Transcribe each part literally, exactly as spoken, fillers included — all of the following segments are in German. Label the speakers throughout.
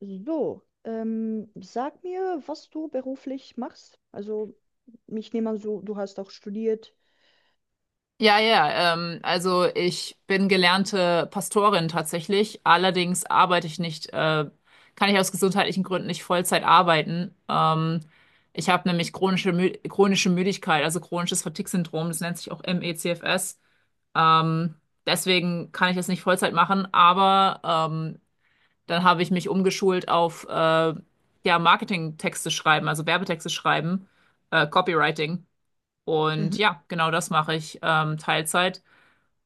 Speaker 1: So, ähm, sag mir, was du beruflich machst. Also, ich nehme an, so, du hast auch studiert.
Speaker 2: Ja, ja, ähm, also ich bin gelernte Pastorin tatsächlich. Allerdings arbeite ich nicht, äh, kann ich aus gesundheitlichen Gründen nicht Vollzeit arbeiten. Ähm, ich habe nämlich chronische, Mü chronische Müdigkeit, also chronisches Fatigue-Syndrom, das nennt sich auch M E C F S. Ähm, Deswegen kann ich das nicht Vollzeit machen, aber ähm, dann habe ich mich umgeschult auf äh, ja, Marketingtexte schreiben, also Werbetexte schreiben, äh, Copywriting. Und
Speaker 1: Mhm.
Speaker 2: ja, genau das mache ich ähm, Teilzeit.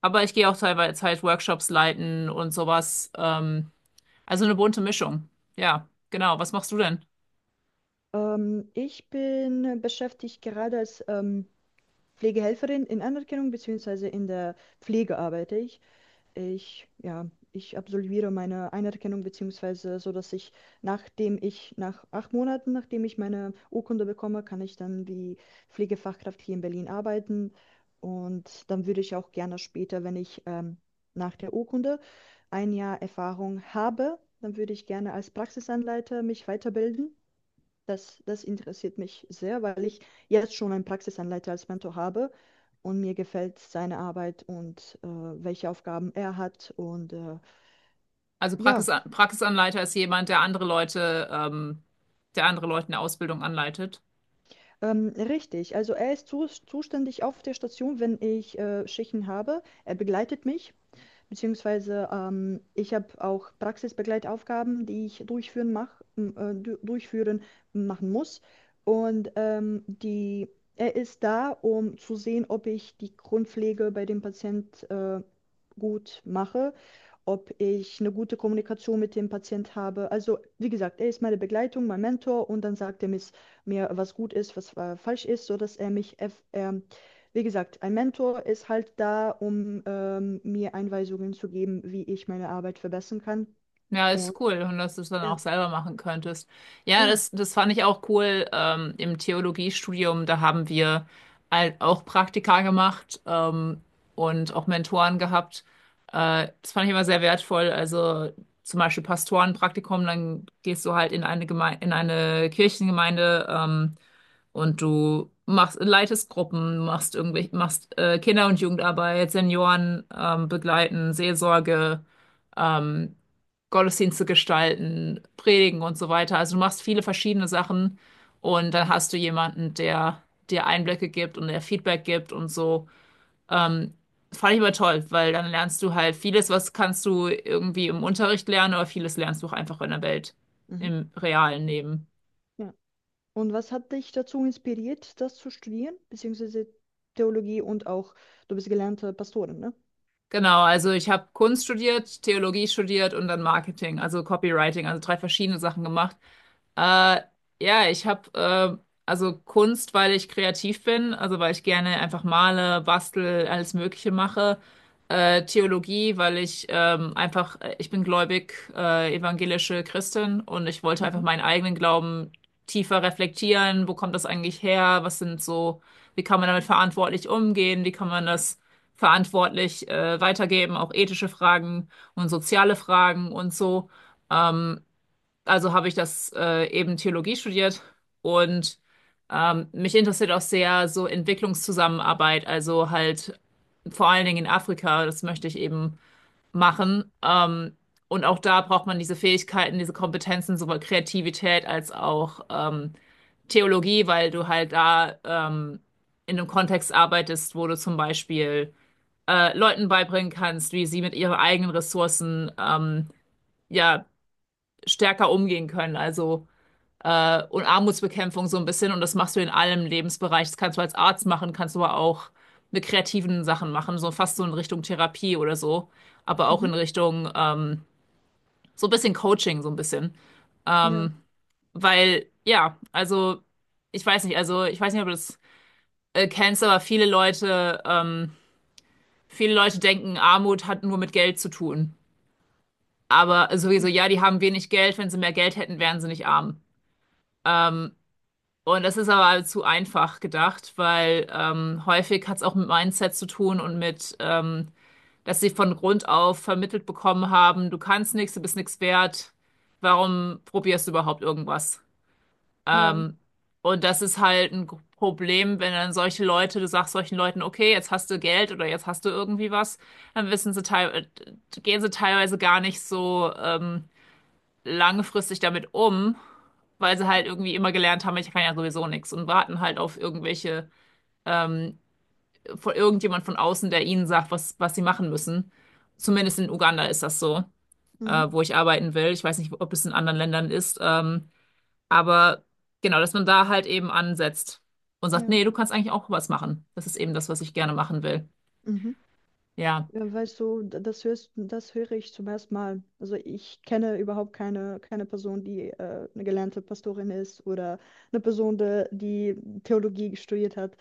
Speaker 2: Aber ich gehe auch teilweise halt Workshops leiten und sowas. Ähm, also eine bunte Mischung. Ja, genau. Was machst du denn?
Speaker 1: Ähm, ich bin beschäftigt gerade als ähm, Pflegehelferin in Anerkennung, beziehungsweise in der Pflege arbeite ich. Ich, ja, ich absolviere meine Anerkennung, beziehungsweise so, dass ich, nachdem ich, nach acht Monaten, nachdem ich meine Urkunde bekomme, kann ich dann wie Pflegefachkraft hier in Berlin arbeiten. Und dann würde ich auch gerne später, wenn ich ähm, nach der Urkunde ein Jahr Erfahrung habe, dann würde ich gerne als Praxisanleiter mich weiterbilden. Das, das interessiert mich sehr, weil ich jetzt schon einen Praxisanleiter als Mentor habe und mir gefällt seine Arbeit und äh, welche Aufgaben er hat. Und äh,
Speaker 2: Also Praxis,
Speaker 1: ja.
Speaker 2: Praxisanleiter ist jemand, der andere Leute, ähm, der andere Leute in der Ausbildung anleitet.
Speaker 1: Ähm, richtig, also er ist zus zuständig auf der Station, wenn ich äh, Schichten habe. Er begleitet mich, beziehungsweise ähm, ich habe auch Praxisbegleitaufgaben, die ich durchführen, mach, m- äh, du durchführen machen muss. Und ähm, die, er ist da, um zu sehen, ob ich die Grundpflege bei dem Patient äh, gut mache, ob ich eine gute Kommunikation mit dem Patient habe. Also, wie gesagt, er ist meine Begleitung, mein Mentor und dann sagt er mir, mir, was gut ist, was äh, falsch ist, so dass er mich, eff- ähm, wie gesagt, ein Mentor ist halt da, um ähm, mir Einweisungen zu geben, wie ich meine Arbeit verbessern kann.
Speaker 2: Ja,
Speaker 1: Und
Speaker 2: ist cool. Und dass du es dann
Speaker 1: ja,
Speaker 2: auch selber machen könntest. Ja,
Speaker 1: ja.
Speaker 2: das, das fand ich auch cool. Ähm, im Theologiestudium, da haben wir halt auch Praktika gemacht, ähm, und auch Mentoren gehabt. Äh, das fand ich immer sehr wertvoll. Also zum Beispiel Pastorenpraktikum, dann gehst du halt in eine Geme in eine Kirchengemeinde, ähm, und du machst, leitest Gruppen, machst irgendwelche, machst äh, Kinder- und Jugendarbeit, Senioren ähm, begleiten, Seelsorge. Ähm, Gottesdienste gestalten, predigen und so weiter. Also du machst viele verschiedene Sachen und dann hast du jemanden, der dir Einblicke gibt und der Feedback gibt und so. Ähm, Fand ich immer toll, weil dann lernst du halt vieles, was kannst du irgendwie im Unterricht lernen, aber vieles lernst du auch einfach in der Welt,
Speaker 1: Mhm.
Speaker 2: im realen Leben.
Speaker 1: Ja. Und was hat dich dazu inspiriert, das zu studieren, beziehungsweise Theologie und auch, du bist gelernte Pastorin, ne?
Speaker 2: Genau, also ich habe Kunst studiert, Theologie studiert und dann Marketing, also Copywriting, also drei verschiedene Sachen gemacht. Äh, ja, ich habe äh, Also Kunst, weil ich kreativ bin, also weil ich gerne einfach male, bastel, alles Mögliche mache. Äh, Theologie, weil ich ähm, einfach, äh, ich bin gläubig, äh, evangelische Christin und ich wollte einfach
Speaker 1: Mhm.
Speaker 2: meinen eigenen Glauben tiefer reflektieren. Wo kommt das eigentlich her? Was sind so, wie kann man damit verantwortlich umgehen? Wie kann man das verantwortlich äh, weitergeben, auch ethische Fragen und soziale Fragen und so. Ähm, also habe ich das äh, eben Theologie studiert und ähm, mich interessiert auch sehr so Entwicklungszusammenarbeit, also halt vor allen Dingen in Afrika, das möchte ich eben machen. Ähm, und auch da braucht man diese Fähigkeiten, diese Kompetenzen, sowohl Kreativität als auch ähm, Theologie, weil du halt da ähm, in einem Kontext arbeitest, wo du zum Beispiel äh, Leuten beibringen kannst, wie sie mit ihren eigenen Ressourcen ähm, ja stärker umgehen können. Also äh, und Armutsbekämpfung so ein bisschen und das machst du in allem Lebensbereich. Das kannst du als Arzt machen, kannst du aber auch mit kreativen Sachen machen, so fast so in Richtung Therapie oder so, aber auch
Speaker 1: Mhm.
Speaker 2: in Richtung ähm, so ein bisschen Coaching, so ein bisschen.
Speaker 1: Ja.
Speaker 2: Ähm, weil, ja, also ich weiß nicht, also ich weiß nicht, ob du das äh, kennst, aber viele Leute, ähm, viele Leute denken, Armut hat nur mit Geld zu tun. Aber sowieso, ja, die haben wenig Geld. Wenn sie mehr Geld hätten, wären sie nicht arm. Und das ist aber zu einfach gedacht, weil ähm, häufig hat es auch mit Mindset zu tun und mit, ähm, dass sie von Grund auf vermittelt bekommen haben, du kannst nichts, du bist nichts wert, warum probierst du überhaupt irgendwas?
Speaker 1: Ja.
Speaker 2: Ähm, und das ist halt ein Problem, wenn dann solche Leute, du sagst solchen Leuten, okay, jetzt hast du Geld oder jetzt hast du irgendwie was, dann wissen sie teil gehen sie teilweise gar nicht so. Ähm, langfristig damit um, weil sie halt irgendwie immer gelernt haben, ich kann ja sowieso nichts und warten halt auf irgendwelche, ähm, von irgendjemand von außen, der ihnen sagt, was, was sie machen müssen. Zumindest in Uganda ist das so,
Speaker 1: Mhm.
Speaker 2: äh, wo ich arbeiten will. Ich weiß nicht, ob es in anderen Ländern ist, ähm, aber genau, dass man da halt eben ansetzt und
Speaker 1: Ja.
Speaker 2: sagt,
Speaker 1: Mhm.
Speaker 2: nee, du kannst eigentlich auch was machen. Das ist eben das, was ich gerne machen will.
Speaker 1: Ja. Mhm.
Speaker 2: Ja.
Speaker 1: Ja, weißt du, d- das hörst, das höre ich zum ersten Mal. Also ich kenne überhaupt keine, keine Person, die äh, eine gelernte Pastorin ist oder eine Person, de- die Theologie studiert hat.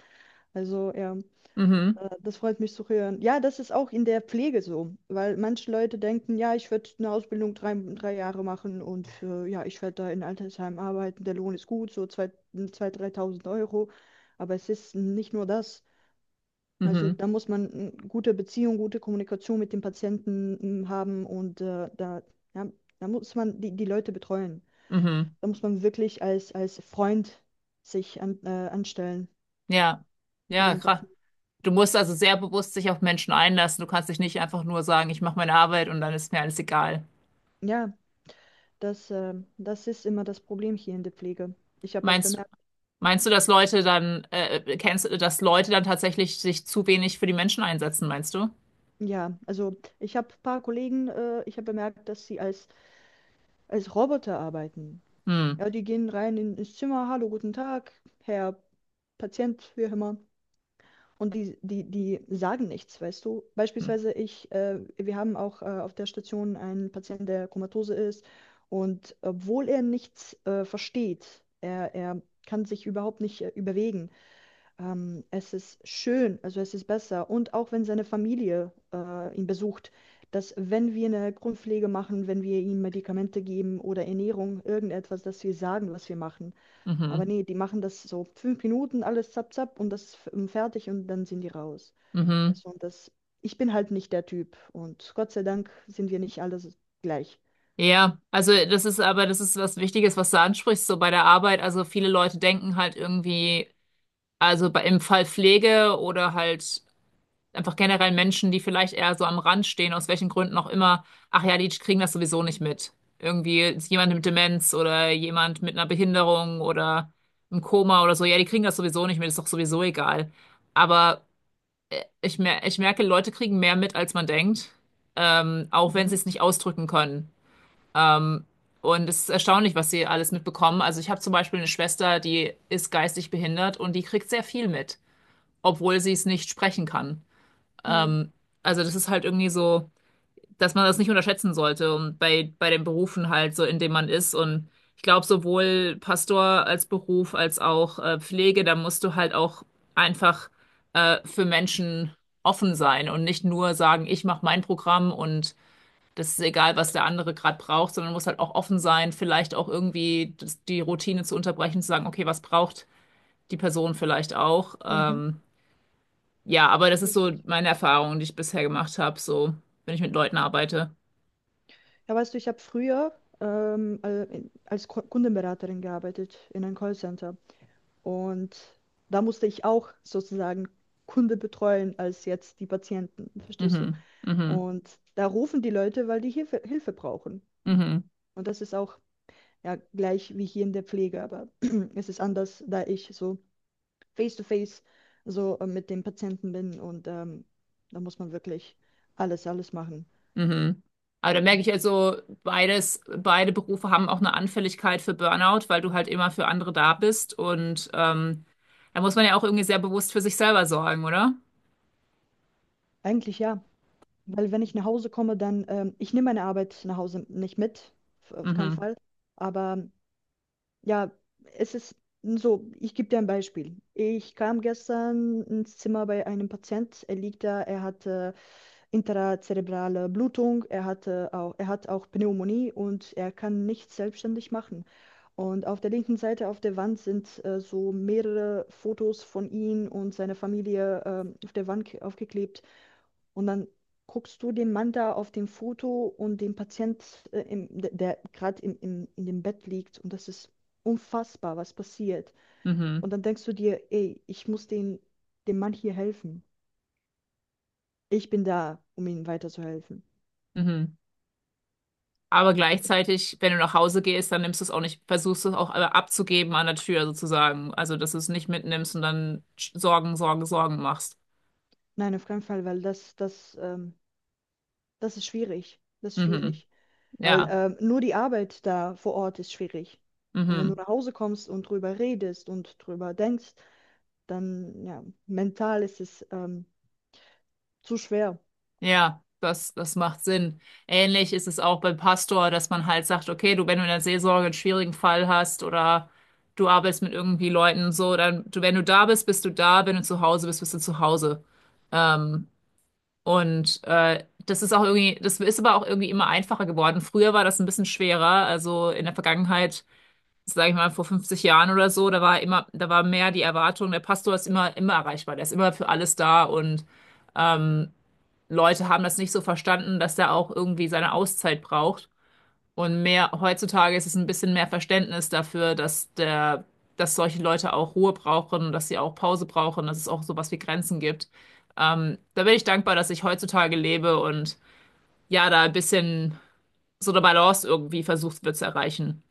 Speaker 1: Also ja,
Speaker 2: Mhm.
Speaker 1: äh, das freut mich zu hören. Ja, das ist auch in der Pflege so, weil manche Leute denken, ja, ich werde eine Ausbildung drei, drei Jahre machen und äh, ja, ich werde da in Altersheim arbeiten, der Lohn ist gut, so zwei zwei dreitausend Euro. Aber es ist nicht nur das. Also
Speaker 2: Mhm.
Speaker 1: da muss man eine gute Beziehung, gute Kommunikation mit dem Patienten mm, haben und äh, da, ja, da muss man die, die Leute betreuen.
Speaker 2: Mhm. Mhm.
Speaker 1: Da muss man wirklich als, als Freund sich an, äh, anstellen
Speaker 2: Ja,
Speaker 1: zu
Speaker 2: ja,
Speaker 1: dem
Speaker 2: krass.
Speaker 1: Patienten.
Speaker 2: Du musst also sehr bewusst dich auf Menschen einlassen. Du kannst dich nicht einfach nur sagen, ich mache meine Arbeit und dann ist mir alles egal.
Speaker 1: Ja, das, äh, das ist immer das Problem hier in der Pflege. Ich habe auch
Speaker 2: Meinst,
Speaker 1: bemerkt,
Speaker 2: meinst du, dass Leute dann, äh, kennst, dass Leute dann tatsächlich sich zu wenig für die Menschen einsetzen, meinst du?
Speaker 1: ja, also ich habe ein paar Kollegen, äh, ich habe bemerkt, dass sie als, als Roboter arbeiten.
Speaker 2: Hm.
Speaker 1: Ja, die gehen rein in, ins Zimmer, hallo, guten Tag, Herr Patient, wie auch immer. Und die, die, die sagen nichts, weißt du?
Speaker 2: Hm.
Speaker 1: Beispielsweise ich, äh, wir haben auch äh, auf der Station einen Patienten, der komatose ist. Und obwohl er nichts äh, versteht, er, er kann sich überhaupt nicht äh, überwegen. Ähm, es ist schön, also es ist besser. Und auch wenn seine Familie äh, ihn besucht, dass wenn wir eine Grundpflege machen, wenn wir ihm Medikamente geben oder Ernährung, irgendetwas, dass wir sagen, was wir machen. Aber
Speaker 2: Mhm.
Speaker 1: nee, die machen das so fünf Minuten, alles zapp, zapp und das ist f- ähm, fertig und dann sind die raus.
Speaker 2: Mhm.
Speaker 1: Weißt du, und das, ich bin halt nicht der Typ und Gott sei Dank sind wir nicht alle so gleich.
Speaker 2: Ja, also das ist aber, das ist was Wichtiges, was du ansprichst, so bei der Arbeit. Also viele Leute denken halt irgendwie, also bei, im Fall Pflege oder halt einfach generell Menschen, die vielleicht eher so am Rand stehen, aus welchen Gründen auch immer, ach ja, die kriegen das sowieso nicht mit. Irgendwie ist jemand mit Demenz oder jemand mit einer Behinderung oder im Koma oder so, ja, die kriegen das sowieso nicht mit, ist doch sowieso egal. Aber äh, ich mer ich merke, Leute kriegen mehr mit, als man denkt, ähm, auch wenn
Speaker 1: Mhm.
Speaker 2: sie es nicht ausdrücken können. Ähm, und es ist erstaunlich, was sie alles mitbekommen. Also ich habe zum Beispiel eine Schwester, die ist geistig behindert und die kriegt sehr viel mit, obwohl sie es nicht sprechen kann.
Speaker 1: Ja.
Speaker 2: Ähm, also das ist halt irgendwie so, dass man das nicht unterschätzen sollte und bei, bei den Berufen halt so, in dem man ist. Und ich glaube, sowohl Pastor als Beruf als auch äh, Pflege, da musst du halt auch einfach äh, für Menschen offen sein und nicht nur sagen, ich mache mein Programm und das ist egal, was der andere gerade braucht, sondern muss halt auch offen sein, vielleicht auch irgendwie das, die Routine zu unterbrechen, zu sagen, okay, was braucht die Person vielleicht auch?
Speaker 1: Mhm.
Speaker 2: Ähm, ja, aber das ist so
Speaker 1: Richtig.
Speaker 2: meine Erfahrung, die ich bisher gemacht habe, so, wenn ich mit Leuten arbeite.
Speaker 1: Ja, weißt du, ich habe früher ähm, al- in- als Ko- Kundenberaterin gearbeitet in einem Callcenter und da musste ich auch sozusagen Kunde betreuen als jetzt die Patienten, verstehst du?
Speaker 2: Mhm, mhm,
Speaker 1: Und da rufen die Leute, weil die Hilfe, Hilfe brauchen.
Speaker 2: mhm,
Speaker 1: Und das ist auch ja, gleich wie hier in der Pflege, aber es ist anders, da ich so face-to-face so äh, mit dem Patienten bin und ähm, da muss man wirklich alles, alles machen.
Speaker 2: mhm. Aber da merke ich also, beides, beide Berufe haben auch eine Anfälligkeit für Burnout, weil du halt immer für andere da bist und ähm, da muss man ja auch irgendwie sehr bewusst für sich selber sorgen, oder?
Speaker 1: Eigentlich ja, weil wenn ich nach Hause komme, dann, ähm, ich nehme meine Arbeit nach Hause nicht mit, f- auf keinen
Speaker 2: Mhm,
Speaker 1: Fall, aber ja, es ist so, ich gebe dir ein Beispiel. Ich kam gestern ins Zimmer bei einem Patient, er liegt da, er hat äh, intrazerebrale Blutung, er hatte auch, er hat auch Pneumonie und er kann nichts selbstständig machen. Und auf der linken Seite auf der Wand sind äh, so mehrere Fotos von ihm und seiner Familie ähm, auf der Wand ke- aufgeklebt. Und dann guckst du den Mann da auf dem Foto und den Patient, äh, im, der, der gerade im, im, in dem Bett liegt. Und das ist unfassbar, was passiert.
Speaker 2: mhm,
Speaker 1: Und dann denkst du dir, ey, ich muss den, dem Mann hier helfen. Ich bin da, um ihm weiterzuhelfen.
Speaker 2: mhm. Aber gleichzeitig, wenn du nach Hause gehst, dann nimmst du es auch nicht, versuchst du es auch abzugeben an der Tür sozusagen. Also, dass du es nicht mitnimmst und dann Sorgen, Sorgen, Sorgen machst.
Speaker 1: Nein, auf keinen Fall, weil das, das, ähm, das ist schwierig. Das ist
Speaker 2: Mhm.
Speaker 1: schwierig. Weil
Speaker 2: Ja,
Speaker 1: ähm, nur die Arbeit da vor Ort ist schwierig. Und wenn du
Speaker 2: mhm.
Speaker 1: nach Hause kommst und drüber redest und drüber denkst, dann ja, mental ist es ähm, zu schwer.
Speaker 2: Ja, das, das macht Sinn. Ähnlich ist es auch beim Pastor, dass man halt sagt, okay, du, wenn du in der Seelsorge einen schwierigen Fall hast oder du arbeitest mit irgendwie Leuten so, dann, du, wenn du da bist, bist du da, wenn du zu Hause bist, bist du zu Hause. Ähm, und äh, das ist auch irgendwie, das ist aber auch irgendwie immer einfacher geworden. Früher war das ein bisschen schwerer, also in der Vergangenheit, sage ich mal, vor fünfzig Jahren oder so, da war immer, da war mehr die Erwartung, der Pastor ist immer, immer erreichbar, der ist immer für alles da und ähm, Leute haben das nicht so verstanden, dass der auch irgendwie seine Auszeit braucht. Und mehr, heutzutage ist es ein bisschen mehr Verständnis dafür, dass der, dass solche Leute auch Ruhe brauchen und dass sie auch Pause brauchen, dass es auch sowas wie Grenzen gibt. Ähm, da bin ich dankbar, dass ich heutzutage lebe und ja, da ein bisschen so eine Balance irgendwie versucht wird zu erreichen.